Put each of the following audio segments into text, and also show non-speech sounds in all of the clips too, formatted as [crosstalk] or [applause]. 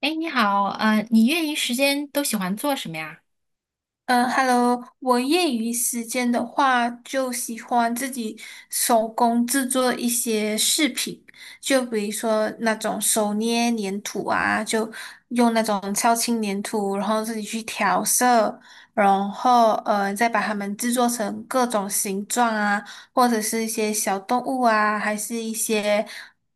哎，你好，你业余时间都喜欢做什么呀？嗯，Hello，我业余时间的话，就喜欢自己手工制作一些饰品，就比如说那种手捏粘土啊，就用那种超轻粘土，然后自己去调色，然后再把它们制作成各种形状啊，或者是一些小动物啊，还是一些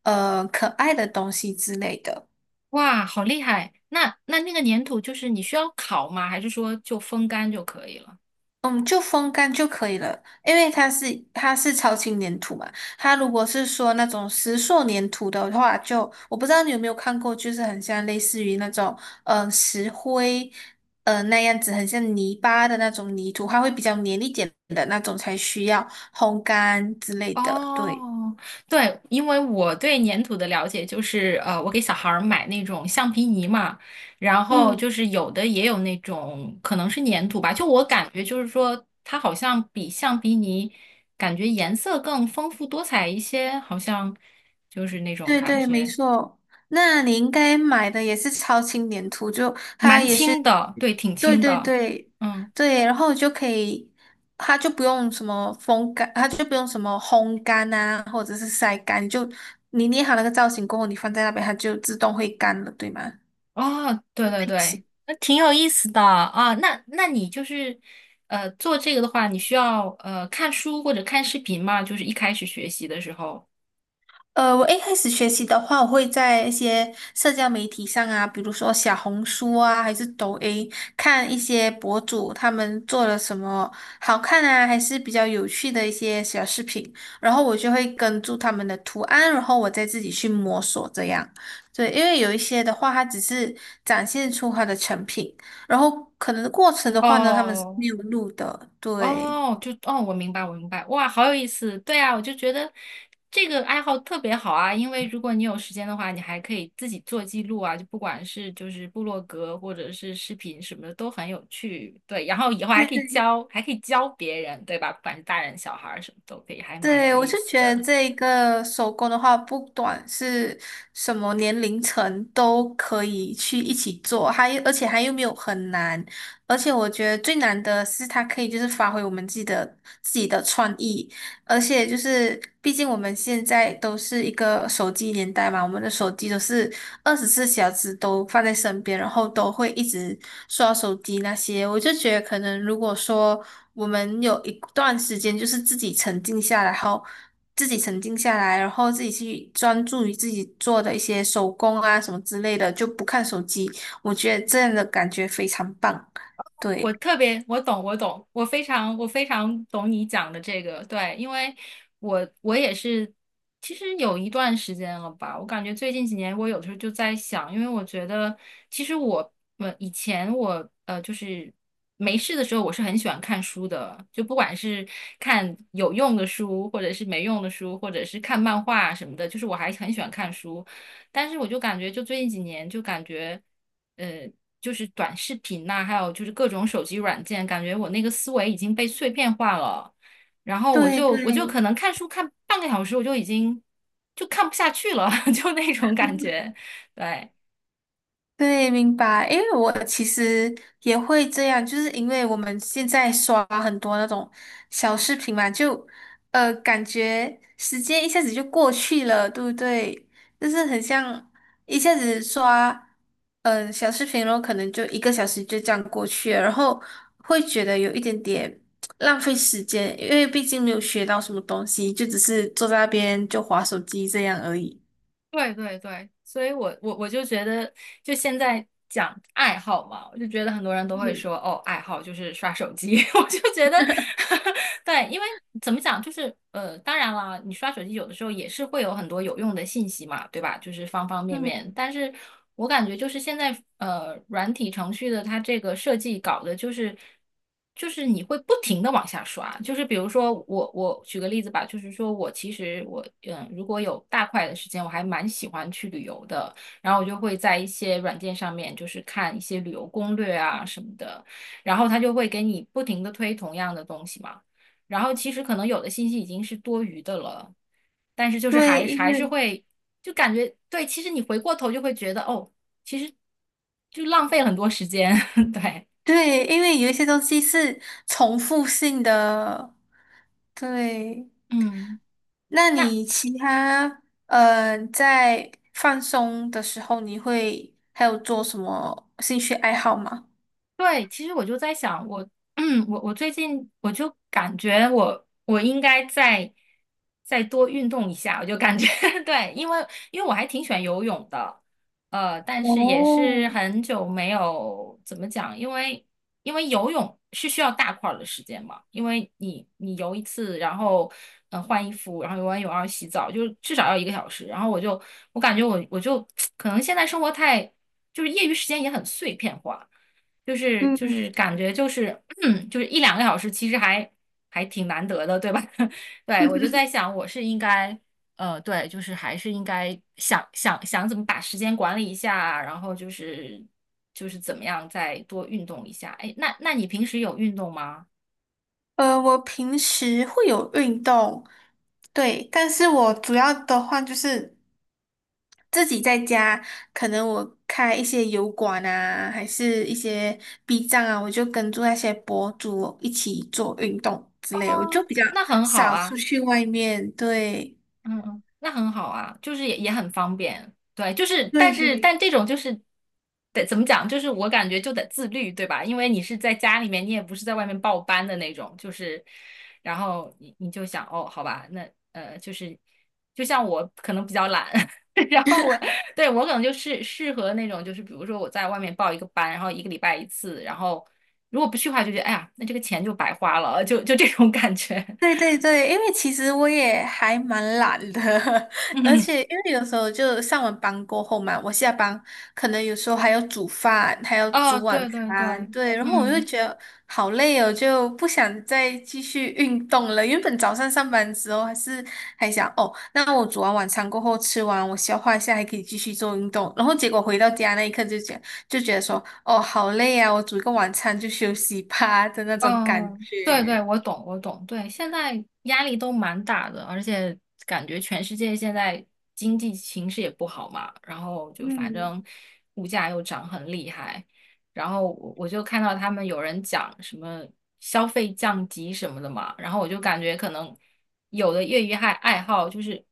可爱的东西之类的。哇，好厉害！那那个粘土就是你需要烤吗？还是说就风干就可以了？嗯，就风干就可以了，因为它是超轻粘土嘛。它如果是说那种石塑粘土的话就，我不知道你有没有看过，就是很像类似于那种石灰那样子，很像泥巴的那种泥土，它会比较黏一点的那种才需要烘干之类的。对，哦，对，因为我对粘土的了解就是，我给小孩儿买那种橡皮泥嘛，然后嗯。就是有的也有那种可能是粘土吧，就我感觉就是说它好像比橡皮泥感觉颜色更丰富多彩一些，好像就是那种对感对，没觉。错。那你应该买的也是超轻粘土，就它蛮也是，轻的，对，挺对轻对的。对嗯。对，然后就可以，它就不用什么风干，它就不用什么烘干啊，或者是晒干，就你捏好那个造型过后，你放在那边，它就自动会干了，对吗？哦，对就对定型。对，那挺有意思的啊。那那你就是，做这个的话，你需要看书或者看视频吗？就是一开始学习的时候。呃，我一开始学习的话，我会在一些社交媒体上啊，比如说小红书啊，还是抖音，看一些博主他们做了什么好看啊，还是比较有趣的一些小视频，然后我就会跟住他们的图案，然后我再自己去摸索这样。对，因为有一些的话，它只是展现出它的成品，然后可能过程的话呢，他们是哦没有录的。对，哦，我明白，我明白，哇，好有意思。对啊，我就觉得这个爱好特别好啊，因为如果你有时间的话，你还可以自己做记录啊，就不管是就是部落格或者是视频什么的都很有趣。对，然后以后还对可以对教，还可以教别人，对吧？不管是大人小孩儿什么都可以，还蛮有对，我意就思觉的。得这一个手工的话，不管是什么年龄层都可以去一起做，还而且还又没有很难，而且我觉得最难的是它可以就是发挥我们自己的自己的创意，而且就是，毕竟我们现在都是一个手机年代嘛，我们的手机都是24小时都放在身边，然后都会一直刷手机那些。我就觉得，可能如果说我们有一段时间就是自己沉静下来，然后自己沉静下来，然后自己去专注于自己做的一些手工啊什么之类的，就不看手机，我觉得这样的感觉非常棒。对，我特别，我懂，我懂，我非常，我非常懂你讲的这个，对，因为我也是，其实有一段时间了吧，我感觉最近几年我有的时候就在想，因为我觉得其实我，以前我就是没事的时候，我是很喜欢看书的，就不管是看有用的书，或者是没用的书，或者是看漫画什么的，就是我还很喜欢看书，但是我就感觉就最近几年就感觉。呃，就是短视频呐、还有就是各种手机软件，感觉我那个思维已经被碎片化了。然后我对，就对。我就可能看书看半个小时，我就已经就看不下去了，[laughs] 就那种感觉。对，对，明白。因为我其实也会这样，就是因为我们现在刷很多那种小视频嘛，就感觉时间一下子就过去了，对不对？就是很像一下子刷小视频，然后可能就1个小时就这样过去了，然后会觉得有一点点浪费时间，因为毕竟没有学到什么东西，就只是坐在那边就划手机这样而已。对对对，所以我就觉得，就现在讲爱好嘛，我就觉得很多人都会嗯说，哦，爱好就是刷手机，[laughs] 我就觉得，[laughs] 对，因为怎么讲，就是,当然了，你刷手机有的时候也是会有很多有用的信息嘛，对吧？就是方方面嗯，面，但是我感觉就是现在软体程序的它这个设计搞的就是。就是你会不停的往下刷，就是比如说我举个例子吧，就是说我其实我,如果有大块的时间，我还蛮喜欢去旅游的，然后我就会在一些软件上面就是看一些旅游攻略啊什么的，然后他就会给你不停的推同样的东西嘛，然后其实可能有的信息已经是多余的了，但是就是对，还因还是为会就感觉对，其实你回过头就会觉得哦，就浪费了很多时间，[laughs] 对。对，因为有一些东西是重复性的。对，嗯，那那你其他在放松的时候，你会还有做什么兴趣爱好吗？对，其实我就在想，我，[clears throat] 嗯，我最近我就感觉我应该再多运动一下，我就感觉 [laughs] 对，因为因为我还挺喜欢游泳的，但是也哦，是很久没有怎么讲，因为因为游泳是需要大块儿的时间嘛，因为你游一次，然后换衣服，然后游完泳然后洗澡，就是至少要一个小时，然后我感觉我就 [tsk] 可能现在生活太就是业余时间也很碎片化。就是就嗯，是感觉就是 [clears throat] 就是一两个小时，其实还挺难得的，对吧？[laughs] 对，我就在 [laughs] 想，我是应该对，就是还是应该想想怎么把时间管理一下啊，然后怎么样再多运动一下。哎，那你平时有运动吗？呃，我平时会有运动，对，但是我主要的话就是自己在家，可能我开一些油管啊，还是一些 B 站啊，我就跟住那些博主一起做运动之类，我就比较那很好少啊。出去外面，对，嗯嗯，那很好啊，就是也很方便，对，就是但对是对。但这种就是得怎么讲，就是我感觉就得自律，对吧？因为你是在家里面，你也不是在外面报班的那种，就是你就想哦，好吧，那就是就像我可能比较懒，[laughs] 然后我对我可能就是适合那种，就是比如说我在外面报一个班，然后一个礼拜一次，然后如果不去的话，就觉得哎呀，那这个钱就白花了，就这种感觉，对对对，因为其实我也还蛮懒的，[laughs] [laughs] 而嗯，且因为有时候就上完班过后嘛，我下班可能有时候还要煮饭，还要哦，煮晚对对对。餐，对，然后我就嗯。觉得好累哦，就不想再继续运动了。原本早上上班之后还是还想哦，那我煮完晚餐过后吃完，我消化一下还可以继续做运动，然后结果回到家那一刻就觉得说哦好累啊，我煮一个晚餐就休息吧 [laughs] 的那种感嗯，对对，觉，我懂，我懂。对，现在压力都蛮大的，而且感觉全世界现在经济形势也不好嘛，然后就反嗯。正物价又涨很厉害，然后我就看到他们有人讲什么消费降级什么的嘛，然后我就感觉可能有的业余爱好就是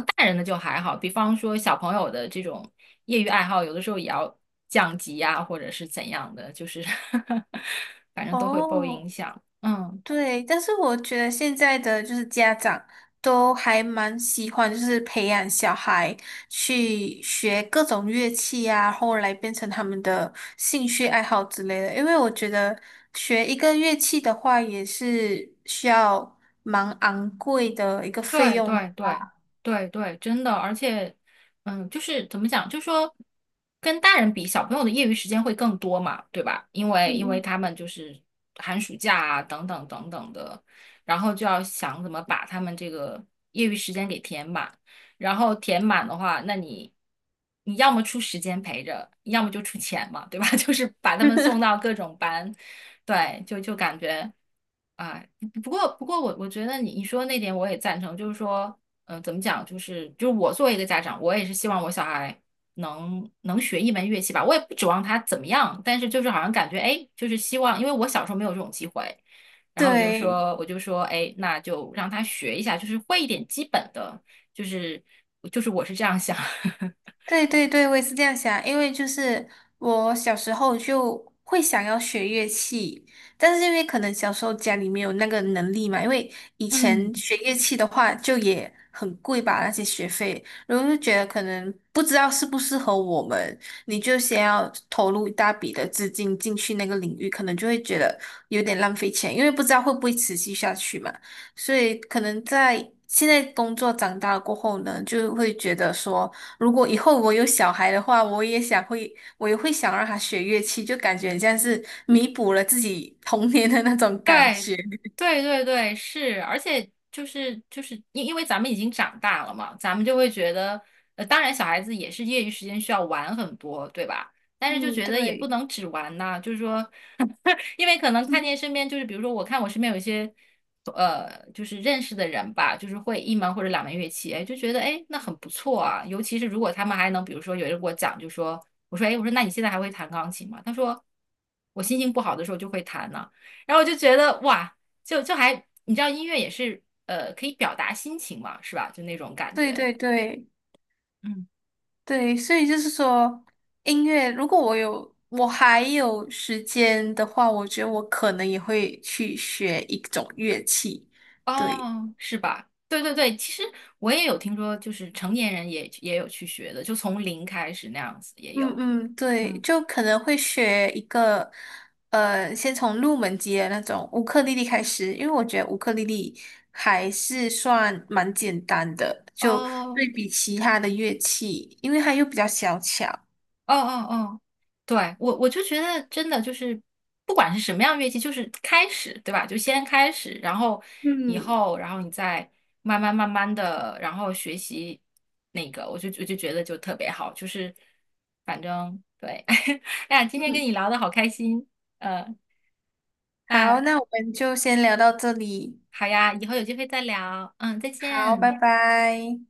大人的就还好，比方说小朋友的这种业余爱好，有的时候也要降级呀、或者是怎样的，就是 [laughs] 反正都会受影哦，响。嗯。对，但是我觉得现在的就是家长都还蛮喜欢，就是培养小孩去学各种乐器啊，后来变成他们的兴趣爱好之类的。因为我觉得学一个乐器的话，也是需要蛮昂贵的一个费对用。对对对对，真的，而且，嗯，就是怎么讲，就说跟大人比，小朋友的业余时间会更多嘛，对吧？因为嗯因为嗯。他们就是寒暑假啊，等等等等的，然后就要想怎么把他们这个业余时间给填满，然后填满的话，那你要么出时间陪着，要么就出钱嘛，对吧？[laughs] 就是把他们送到各种班，对，就感觉。啊。不过,我觉得你说的那点我也赞成，就是说，嗯、怎么讲，就是我作为一个家长，我也是希望我小孩能学一门乐器吧，我也不指望他怎么样，但是就是好像感觉，哎，就是希望，因为我小时候没有这种机会，然后我就对，说，我就说，哎，那就让他学一下，就是会一点基本的，就是就是我是这样想。[laughs] 对对对，我也是这样想，因为就是我小时候就会想要学乐器，但是因为可能小时候家里没有那个能力嘛，因为以前嗯。学乐器的话就也很贵吧，那些学费，然后就觉得可能不知道适不适合我们，你就先要投入一大笔的资金进去那个领域，可能就会觉得有点浪费钱，因为不知道会不会持续下去嘛，所以可能在现在工作长大了过后呢，就会觉得说。如果以后我有小孩的话，我也会想让他学乐器，就感觉很像是弥补了自己童年的那种感对，觉。对对对，是，而且就是因因为咱们已经长大了嘛，咱们就会觉得，当然小孩子也是业余时间需要玩很多，对吧？但是就嗯，觉得也不对，能只玩呐，就是说，[laughs] 因为可能看见身边就是，比如说我看我身边有一些，就是认识的人吧，就是会一门或者两门乐器，哎，就觉得哎那很不错啊，尤其是如果他们还能，比如说有人给我讲，就说我说哎，我说那你现在还会弹钢琴吗？他说我心情不好的时候就会弹呐。然后我就觉得哇，就还你知道音乐也是可以表达心情嘛，是吧？就那种感对觉。对对嗯，对，所以就是说，音乐，如果我还有时间的话，我觉得我可能也会去学一种乐器。对。哦，是吧？对对对，其实我也有听说，就是成年人也有去学的，就从零开始那样子也嗯有。嗯，对，嗯，就可能会学一个，呃，先从入门级的那种乌克丽丽开始，因为我觉得乌克丽丽还是算蛮简单的，就哦，对比其他的乐器，因为它又比较小巧。哦哦哦，对，我就觉得真的就是，不管是什么样乐器，就是开始，对吧？就先开始，然后以嗯后，然后你再慢慢慢慢的，然后学习那个，我就觉得就特别好，就是反正对，[laughs] 哎呀，今天跟嗯，你聊的好开心，呃，好，那那我们就先聊到这里，好呀，以后有机会再聊，嗯，再好，拜见。拜。